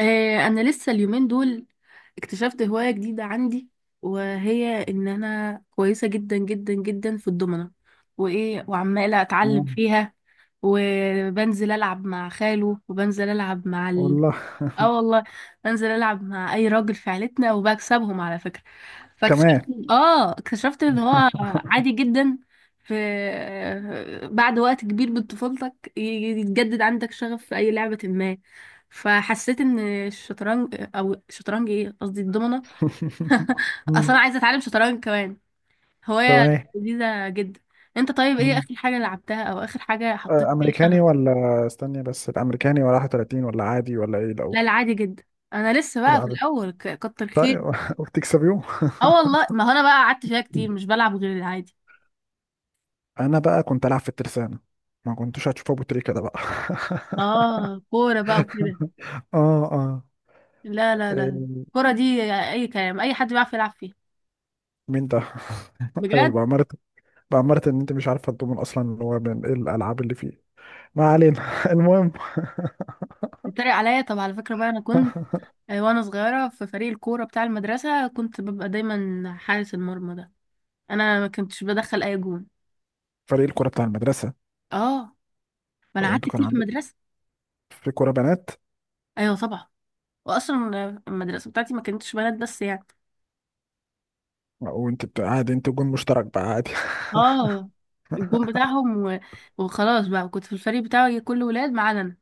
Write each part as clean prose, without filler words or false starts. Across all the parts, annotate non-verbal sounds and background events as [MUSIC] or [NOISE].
انا لسه اليومين دول اكتشفت هواية جديدة عندي، وهي ان انا كويسة جدا جدا جدا في الضمنة. وايه، وعمالة اتعلم آه، فيها، وبنزل العب مع خاله، وبنزل العب مع والله. [LAUGHS] اه والله، بنزل العب مع اي راجل في عيلتنا وبكسبهم على فكره. كمان. فاكتشفت اه اكتشفت ان هو عادي جدا، في بعد وقت كبير من طفولتك يتجدد عندك شغف في اي لعبه ما. فحسيت ان الشطرنج او الشطرنج، ايه قصدي، الضمنه. [LAUGHS] اصلا مم، انا عايزه اتعلم شطرنج كمان، هوايه تمام. لذيذه جدا. انت طيب، ايه مم. اخر حاجه لعبتها او اخر حاجه حطيت آه، فيها شغف؟ امريكاني ولا استني بس، الامريكاني ولا 31 ولا عادي ولا ايه لا لا، الاول؟ عادي جدا. انا لسه بقى في العادي. الاول، كتر خير. طيب. [LAUGHS] وبتكسبيهم؟ اه والله، ما هو انا بقى قعدت فيها كتير، مش بلعب غير العادي. انا بقى كنت العب في الترسانة، ما كنتوش هتشوفوا ابو تريكة ده بقى. اه، كورة بقى وكده. [LAUGHS] اه اه. لا لا لا لا، إيه، الكورة دي اي كلام، اي حد بيعرف يلعب فيها. مين ده؟ [LAUGHS] ايوه، بجد. بأمارة ان انت مش عارفه الضمن اصلا اللي هو من ايه الالعاب اللي فيه. ما علينا. [LAUGHS] المهم. بتتريق عليا؟ طب على فكرة بقى، انا كنت [LAUGHS] آه، وانا صغيرة في فريق الكورة بتاع المدرسة كنت ببقى دايما حارس المرمى ده. انا ما كنتش بدخل اي جون. فريق الكرة بتاع المدرسة؟ اه، ما انا هو قعدت انتوا كان كتير في عندكم المدرسة. في كرة بنات؟ ايوه طبعا. واصلا المدرسة بتاعتي ما كانتش بنات بس يعني. وانت بتقعد انت جون مشترك بقى عادي؟ اه، الجون بتاعهم وخلاص بقى كنت في الفريق بتاعي كله ولاد ما عدا انا.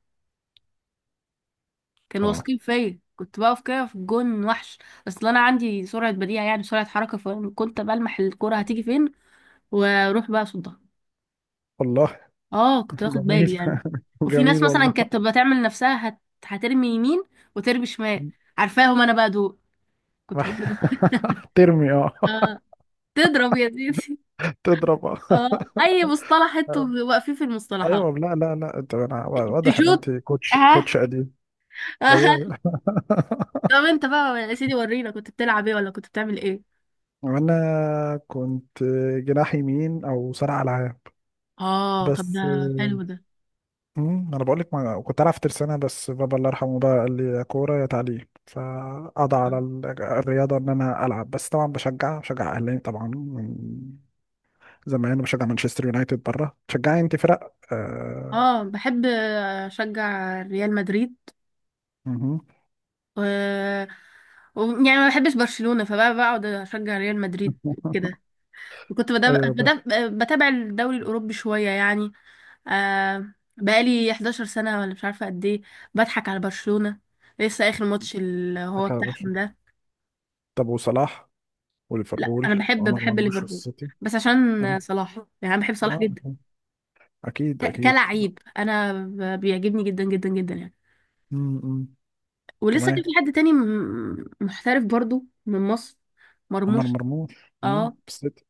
كانوا اه واثقين فيا، كنت بقف كده في الجون وحش. اصل انا عندي سرعه بديهه، يعني سرعه حركه، فكنت بلمح الكره هتيجي فين واروح بقى اصدها. والله. اه، [LAUGHS] كنت باخد بالي جميل. يعني. [LAUGHS] وفي ناس جميل مثلا والله. كانت تبقى تعمل نفسها هترمي يمين وترمي شمال. عارفاهم انا بقى دول. كنت برضه راح [LAUGHS] ترمي، اه. اه، تضرب يا زيدي. [LAUGHS] تضرب، اه. اه، اي مصطلح انتوا [LAUGHS] واقفين في المصطلحات. ايوه. لا لا لا، انا واضح ان تشوت. انت كوتش ها. كوتش قديم. [LAUGHS] ايوه آه. أيوة. طب [LAUGHS] انت بقى يا سيدي، ورينا كنت بتلعب ايه، ولا كنت بتعمل ايه؟ وانا كنت جناح يمين او صانع العاب اه، طب ده، بس. حلو ده. انا بقول لك، ما كنت العب في ترسانه بس بابا الله يرحمه بقى قال لي يا كوره يا تعليم، فقضى على الرياضه ان انا العب، بس طبعا بشجع اهلي طبعا، زي ما انا بشجع مانشستر يونايتد بره. تشجعي انت فرق؟ آه. اه، بحب اشجع ريال مدريد مهم. و... يعني ما بحبش برشلونة، فبقى بقعد اشجع ريال مدريد كده. [LAUGHS] وكنت ايوه بس بتابع الدوري الاوروبي شوية يعني. آه، بقالي 11 سنة ولا مش عارفة قد ايه، بضحك على برشلونة. لسه اخر ماتش اللي هو حكى على بتاعهم برشلونة. ده. طب وصلاح لا، انا وليفربول بحب وعمر مرموش ليفربول والسيتي؟ بس اه عشان صلاح، يعني انا بحب صلاح اه، جدا، اكيد اكيد. كلاعب. انا بيعجبني جدا جدا جدا يعني. امم ولسه كان في تمام. حد تاني محترف برضو من مصر، عمر مرموش. مرموش، اه السيتي.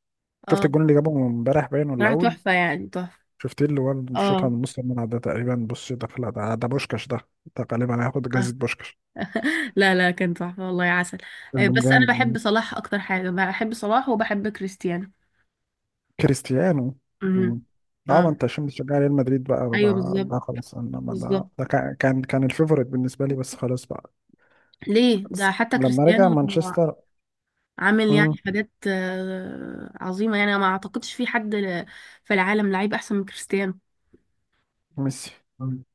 شفت اه، الجون اللي جابه امبارح، باين ولا راح اول؟ تحفة، يعني تحفة. شفتيه اللي هو اللي شاطها اه، من نص الملعب ده تقريبا؟ بص، دخل، ده بوشكش ده غالبا هياخد آه. جايزة بوشكش. لا لا، كان تحفة والله يا عسل. كان آه، من بس انا بحب جامد. صلاح، اكتر حاجة بحب صلاح وبحب كريستيانو. كريستيانو. امم، مم. اه، اه. ما انت عشان بتشجع ريال مدريد بقى ايوه ده, بالظبط، ده خلاص. انا ما ده, بالظبط، ده كان الفيفوريت بالنسبه لي، بس خلاص بقى. ليه ده، بس حتى لما رجع كريستيانو مانشستر. عامل مم. يعني حاجات آه، عظيمة، يعني أنا ما اعتقدش في حد في العالم لعيب احسن من كريستيانو. ميسي؟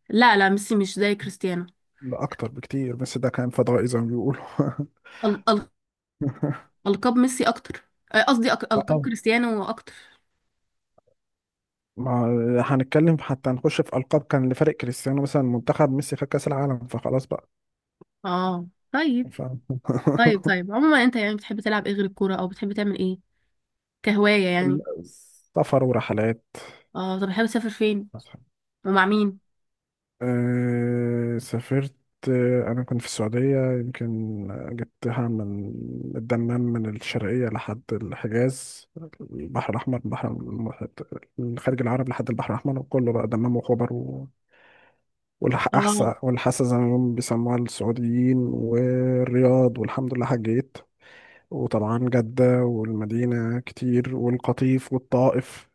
لا لا، ميسي مش زي كريستيانو. لا، اكتر بكتير، بس ده كان فضائي زي ما بيقولوا. ال- [LAUGHS] ألقاب ميسي أكتر، آه، قصدي ألقاب طبعا. كريستيانو أكتر. ما هنتكلم حتى نخش في القاب، كان لفريق كريستيانو مثلا، منتخب ميسي خد كاس العالم فخلاص بقى. اه، طيب ف... طيب طيب، عموما أنت يعني بتحب تلعب إيه غير الكورة، أو بتحب تعمل إيه كهواية يعني؟ [LAUGHS] سفر ورحلات. اه، طب بتحب تسافر فين ومع مين؟ سافرت، آه، أنا كنت في السعودية يمكن. جبتها من الدمام من الشرقية لحد الحجاز، البحر الأحمر، الخليج العربي لحد البحر الأحمر، وكله بقى دمام وخبر و- اه والأحساء والحسا زي ما هم بيسموها السعوديين، والرياض، والحمد لله حجيت، وطبعا جدة والمدينة كتير، والقطيف والطائف.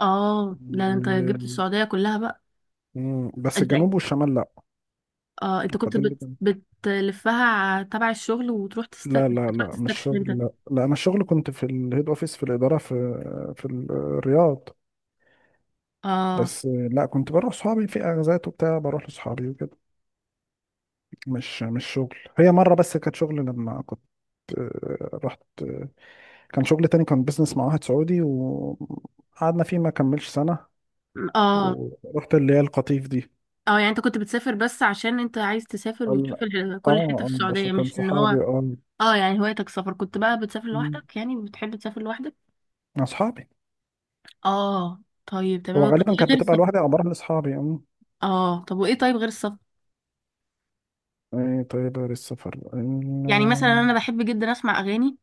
اه، لا أنت و- جبت السعودية كلها بقى. مم، بس أنت، الجنوب والشمال لأ. اه، أنت كنت فاضل لي. بتلفها تبع الشغل، وتروح لا لا لا، مش تستكشف أنت. شغل، لا لا، انا الشغل كنت في الهيد اوفيس في الاداره، في الرياض، اه بس لا كنت بروح صحابي في اغازات وبتاع، بروح لصحابي وكده. مش شغل، هي مره بس كانت شغل لما كنت، رحت، كان شغل تاني، كان بيزنس مع واحد سعودي وقعدنا فيه ما كملش سنه، اه ورحت اللي هي القطيف دي. اه، يعني انت كنت بتسافر بس عشان انت عايز تسافر اه وتشوف كل حتة في اه، بس السعودية، كان مش ان هو. صحابي اه. اه، يعني هوايتك السفر، كنت بقى بتسافر مم، لوحدك، يعني بتحب تسافر لوحدك. اصحابي، اه طيب هو تمام، طب غالبا ايه كانت غير بتبقى السفر؟ لوحدي او بروح لاصحابي. اه، طب وايه، طيب غير السفر؟ ايه طيب غير السفر يعني مثلا انا بحب جدا اسمع اغاني،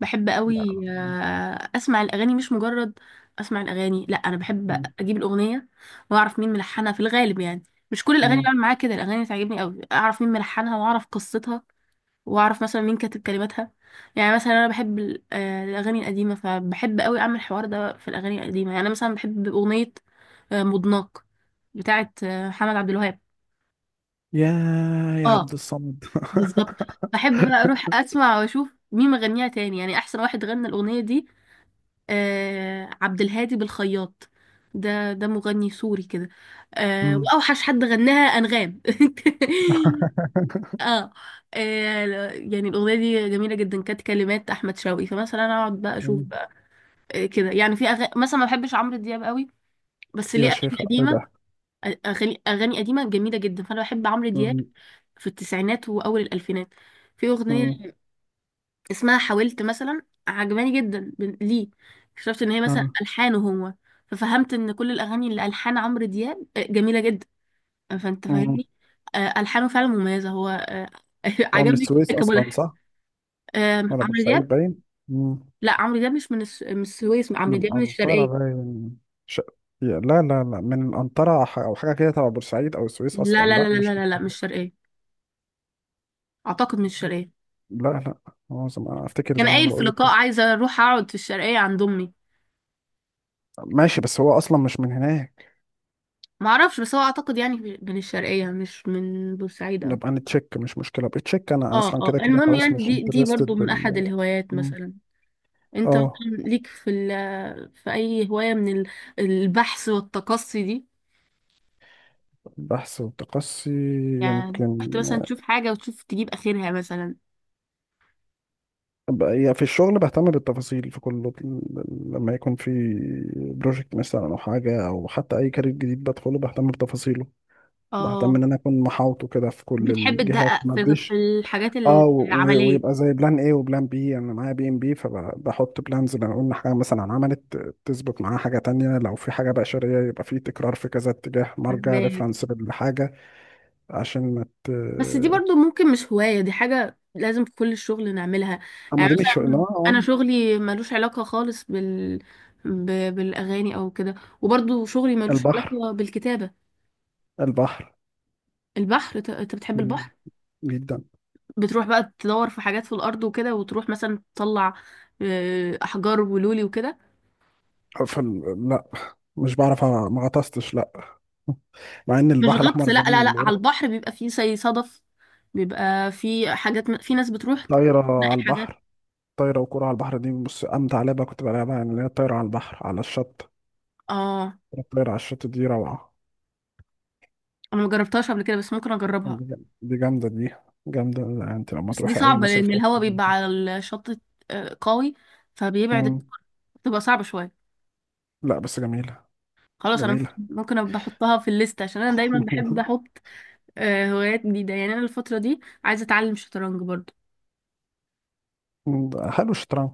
بحب قوي لا. آه، اسمع الاغاني مش مجرد اسمع الاغاني، لا انا بحب م- اجيب الاغنيه واعرف مين ملحنها في الغالب يعني. مش كل الاغاني م- بعمل معاها كده، الاغاني تعجبني قوي اعرف مين ملحنها واعرف قصتها واعرف مثلا مين كاتب كلماتها. يعني مثلا انا بحب الاغاني القديمه، فبحب قوي اعمل الحوار ده في الاغاني القديمه، يعني انا مثلا بحب اغنيه آه، مضناك بتاعت آه، محمد عبد الوهاب. يا يا عبد اه، الصمد. بالظبط. بحب بقى اروح اسمع واشوف مين مغنيها تاني، يعني احسن واحد غنى الاغنيه دي آه عبد الهادي بالخياط، ده ده مغني سوري كده. آه، م. واوحش حد غناها انغام. [LAUGHS] [LAUGHS] آه. آه، يعني الاغنيه دي جميله جدا، كانت كلمات احمد شوقي. فمثلا انا اقعد بقى اشوف م. بقى آه، كده، يعني في مثلا ما بحبش عمرو دياب قوي، بس ليه؟ يا اغاني شيخ ايه قديمه، ده. اغاني اغاني قديمه جميله جدا، فانا بحب عمرو دياب م- في التسعينات واول الالفينات. في م- اغنيه اسمها حاولت مثلا، عجباني جدا ليه؟ اكتشفت ان هي مثلا م- الحانه هو، ففهمت ان كل الاغاني اللي الحان عمرو دياب آه، جميله جدا، فانت م. فاهمني. آه، الحانه فعلا مميزه هو آه، [LAUGHS] هو من عجبني السويس جدا اصلا كملحن. صح، آم، ولا عمرو بورسعيد دياب. باين. م. لا، عمرو دياب مش من من السويس، عمرو من دياب من انطارا الشرقيه. باين. ش... لا لا لا، من انطارا، او حاجه كده تبع بورسعيد او السويس لا اصلا. لا لا، لا لا لا مش لا مش لا، مش شرقيه. اعتقد مش شرقيه. لا لا، هو افتكر كان زمان، قايل في بقول لك. لقاء، عايزه اروح اقعد في الشرقيه عند امي. ماشي، بس هو اصلا مش من هناك. ما اعرفش، بس هو اعتقد يعني من الشرقية مش من بورسعيد او نبقى كده. نتشيك، مش مشكلة، ابقى تشيك، انا اه اصلا اه، كده كده المهم خلاص يعني مش دي برضو انترستد من احد بال. الهوايات. مم. مثلا انت، اه، مثلا ليك في في اي هواية من البحث والتقصي دي؟ البحث والتقصي؟ يعني يمكن. رحت مثلا تشوف حاجة وتشوف تجيب اخرها مثلا. أبقى يعني في الشغل بهتم بالتفاصيل في كل، لما يكون في بروجكت مثلا او حاجة، او حتى اي كارير جديد بدخله بهتم بتفاصيله، بهتم ان اه، انا اكون محاوطه كده في كل بتحب الجهات تدقق ما في اديش. الحاجات اه، العملية. ويبقى زي بلان ايه وبلان بي، انا معايا بي ام بي، فبحط بلانز، لو قلنا حاجه مثلا عملت، تثبت معاها حاجه تانية، لو في حاجه بشريه يبقى في تكرار، في كذا اتجاه، مرجع فهماك. ريفرنس للحاجه، عشان ما ت. بس دي برضو ممكن مش هواية، دي حاجة لازم في كل الشغل نعملها. اما يعني دي مش اه. مثلا آه، أنا شغلي ملوش علاقة خالص ب... بالأغاني أو كده، وبرضو شغلي ملوش البحر، علاقة بالكتابة. البحر. البحر، أنت بتحب مم. البحر؟ جدا. بتروح بقى تدور في حاجات في الأرض وكده، وتروح مثلا تطلع آه، أحجار ولولي وكده. لا، مش بعرف، ما غطستش، لا. مع ان مش البحر غطس الاحمر لا لا لا، جميل، على ورحت. البحر بيبقى فيه زي صدف، بيبقى فيه حاجات في ناس بتروح طايره على تلاقي حاجات. البحر؟ طايره وكوره على البحر، دي بص امتع لعبه كنت بلعبها، يعني اللي هي الطايره على البحر على الشط. اه، الطاير على الشط دي روعة. أنا مجربتهاش قبل كده بس ممكن أجربها. دي جامدة، دي جامدة. لا، انت لما بس دي تروحي أي صعبة مصيف لأن تروحي الهواء زي بيبقى دي. على الشط آه، قوي، فبيبعد مم. السفر، بتبقى صعبة شوية. لا، بس جميلة. خلاص، أنا ممكن جميلة. أبقى أحطها في الليست عشان أنا دايما بحب [LAUGHS] أحط آه، هوايات جديدة. يعني أنا الفترة دي عايزة أتعلم شطرنج برضو. مم، ده حلو الشطرنج.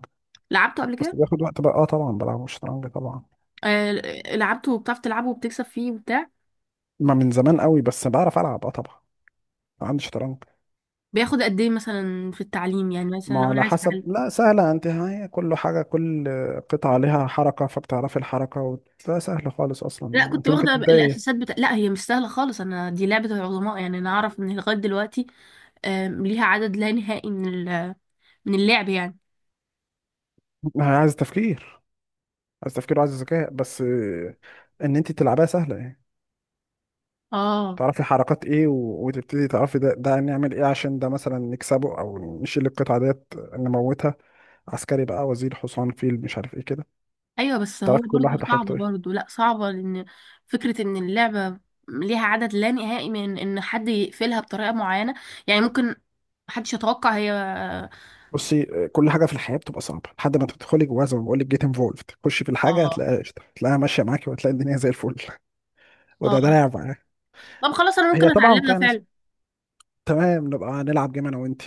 لعبته قبل بس كده بياخد وقت بقى، اه طبعا بلعب الشطرنج طبعا. آه، لعبته وبتعرف تلعبه وبتكسب فيه وبتاع. ما من زمان قوي، بس بعرف ألعب، اه طبعا عندي شطرنج. بياخد قد إيه مثلا في التعليم، يعني مثلا ما لو أنا على عايزة حسب. أتعلم؟ لا سهلة انت، هي كل حاجة، كل قطعة عليها حركة فبتعرفي الحركة و... لا سهلة خالص لا، أصلا، كنت انت ممكن واخدة تبدأي. الأساسات بتاع، لا هي مش سهلة خالص، أنا دي لعبة العظماء. يعني أنا أعرف إن لغاية دلوقتي آم، ليها عدد لا نهائي من اللعب يعني. عايز تفكير عايز تفكير وعايز ذكاء بس، ان انت تلعبها سهلة يعني. اه، تعرفي حركات ايه و... وتبتدي تعرفي ده نعمل ايه عشان ده مثلا نكسبه او نشيل القطعة ديت نموتها. عسكري بقى، وزير، حصان، فيل، مش عارف ايه كده، ايوه، بس هو تعرفي كل برضو واحد حاجته صعبه ايه. برضو، لا صعبه لان فكره ان اللعبه ليها عدد لا نهائي من ان حد يقفلها بطريقه معينه، يعني ممكن محدش يتوقع هي. بصي، كل حاجة في الحياة بتبقى صعبة لحد ما تدخلي جواها، زي ما بقول لك جيت انفولفد، تخشي في الحاجة اه هتلاقيها قشطة، هتلاقيها ماشية معاكي، وهتلاقي الدنيا زي الفل. [LAUGHS] وده اه، لعب معاك. طب خلاص انا ممكن هي طبعا اتعلمها فيها ناس. فعلا. تمام، نبقى نلعب جيم انا وانت.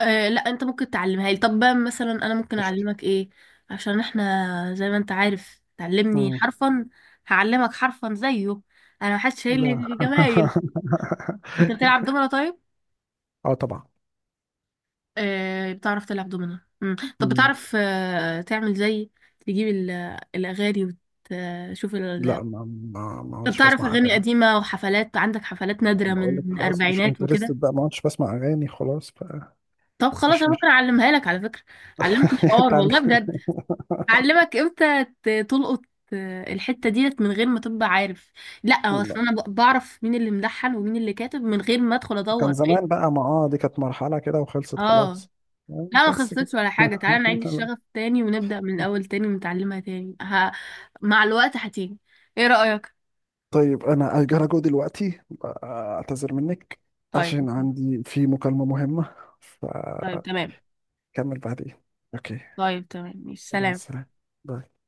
آه لا، انت ممكن تعلمها لي، طب بقى مثلا انا ممكن قشطة. اعلمك ايه؟ عشان احنا زي ما انت عارف تعلمني مم. حرفا، هعلمك حرفا زيه، انا محدش شايل لا. لي جمايل. [LAUGHS] انت بتلعب دومنة طيب؟ اه طبعا. آه، بتعرف تلعب دومنا، مم. طب مم. بتعرف آه، تعمل زي تجيب الأغاني وتشوف لا، ما طب عدتش بتعرف بسمع أغاني اغاني. قديمة وحفلات، عندك حفلات نادرة من بقول لك خلاص مش الأربعينات وكده؟ انترستد بقى، ما عدتش بسمع اغاني خلاص، فمش طب خلاص، أنا ممكن مش أعلمها لك على فكرة، أعلمك [LAUGHS] الحوار تعال- والله بجد، أعلمك إمتى تلقط آه، الحتة ديت من غير ما تبقى عارف. لا هو لا، أصل أنا بعرف مين اللي ملحن ومين اللي كاتب من غير ما أدخل كان أدور. زمان بقى ما دي كانت مرحلة كده وخلصت اه، خلاص. لا، ما بس خسرتش كده. ولا [LAUGHS] حاجة، تعالى نعيد الشغف تاني، ونبدأ من الأول تاني ونتعلمها تاني مع الوقت هتيجي. ايه رأيك؟ طيب انا هجرى جو دلوقتي، اعتذر منك، طيب. عشان عندي في مكالمة مهمة، طيب فكمل تمام. بعدين. اوكي، طيب تمام ماشي مع سلام. السلامة. باي.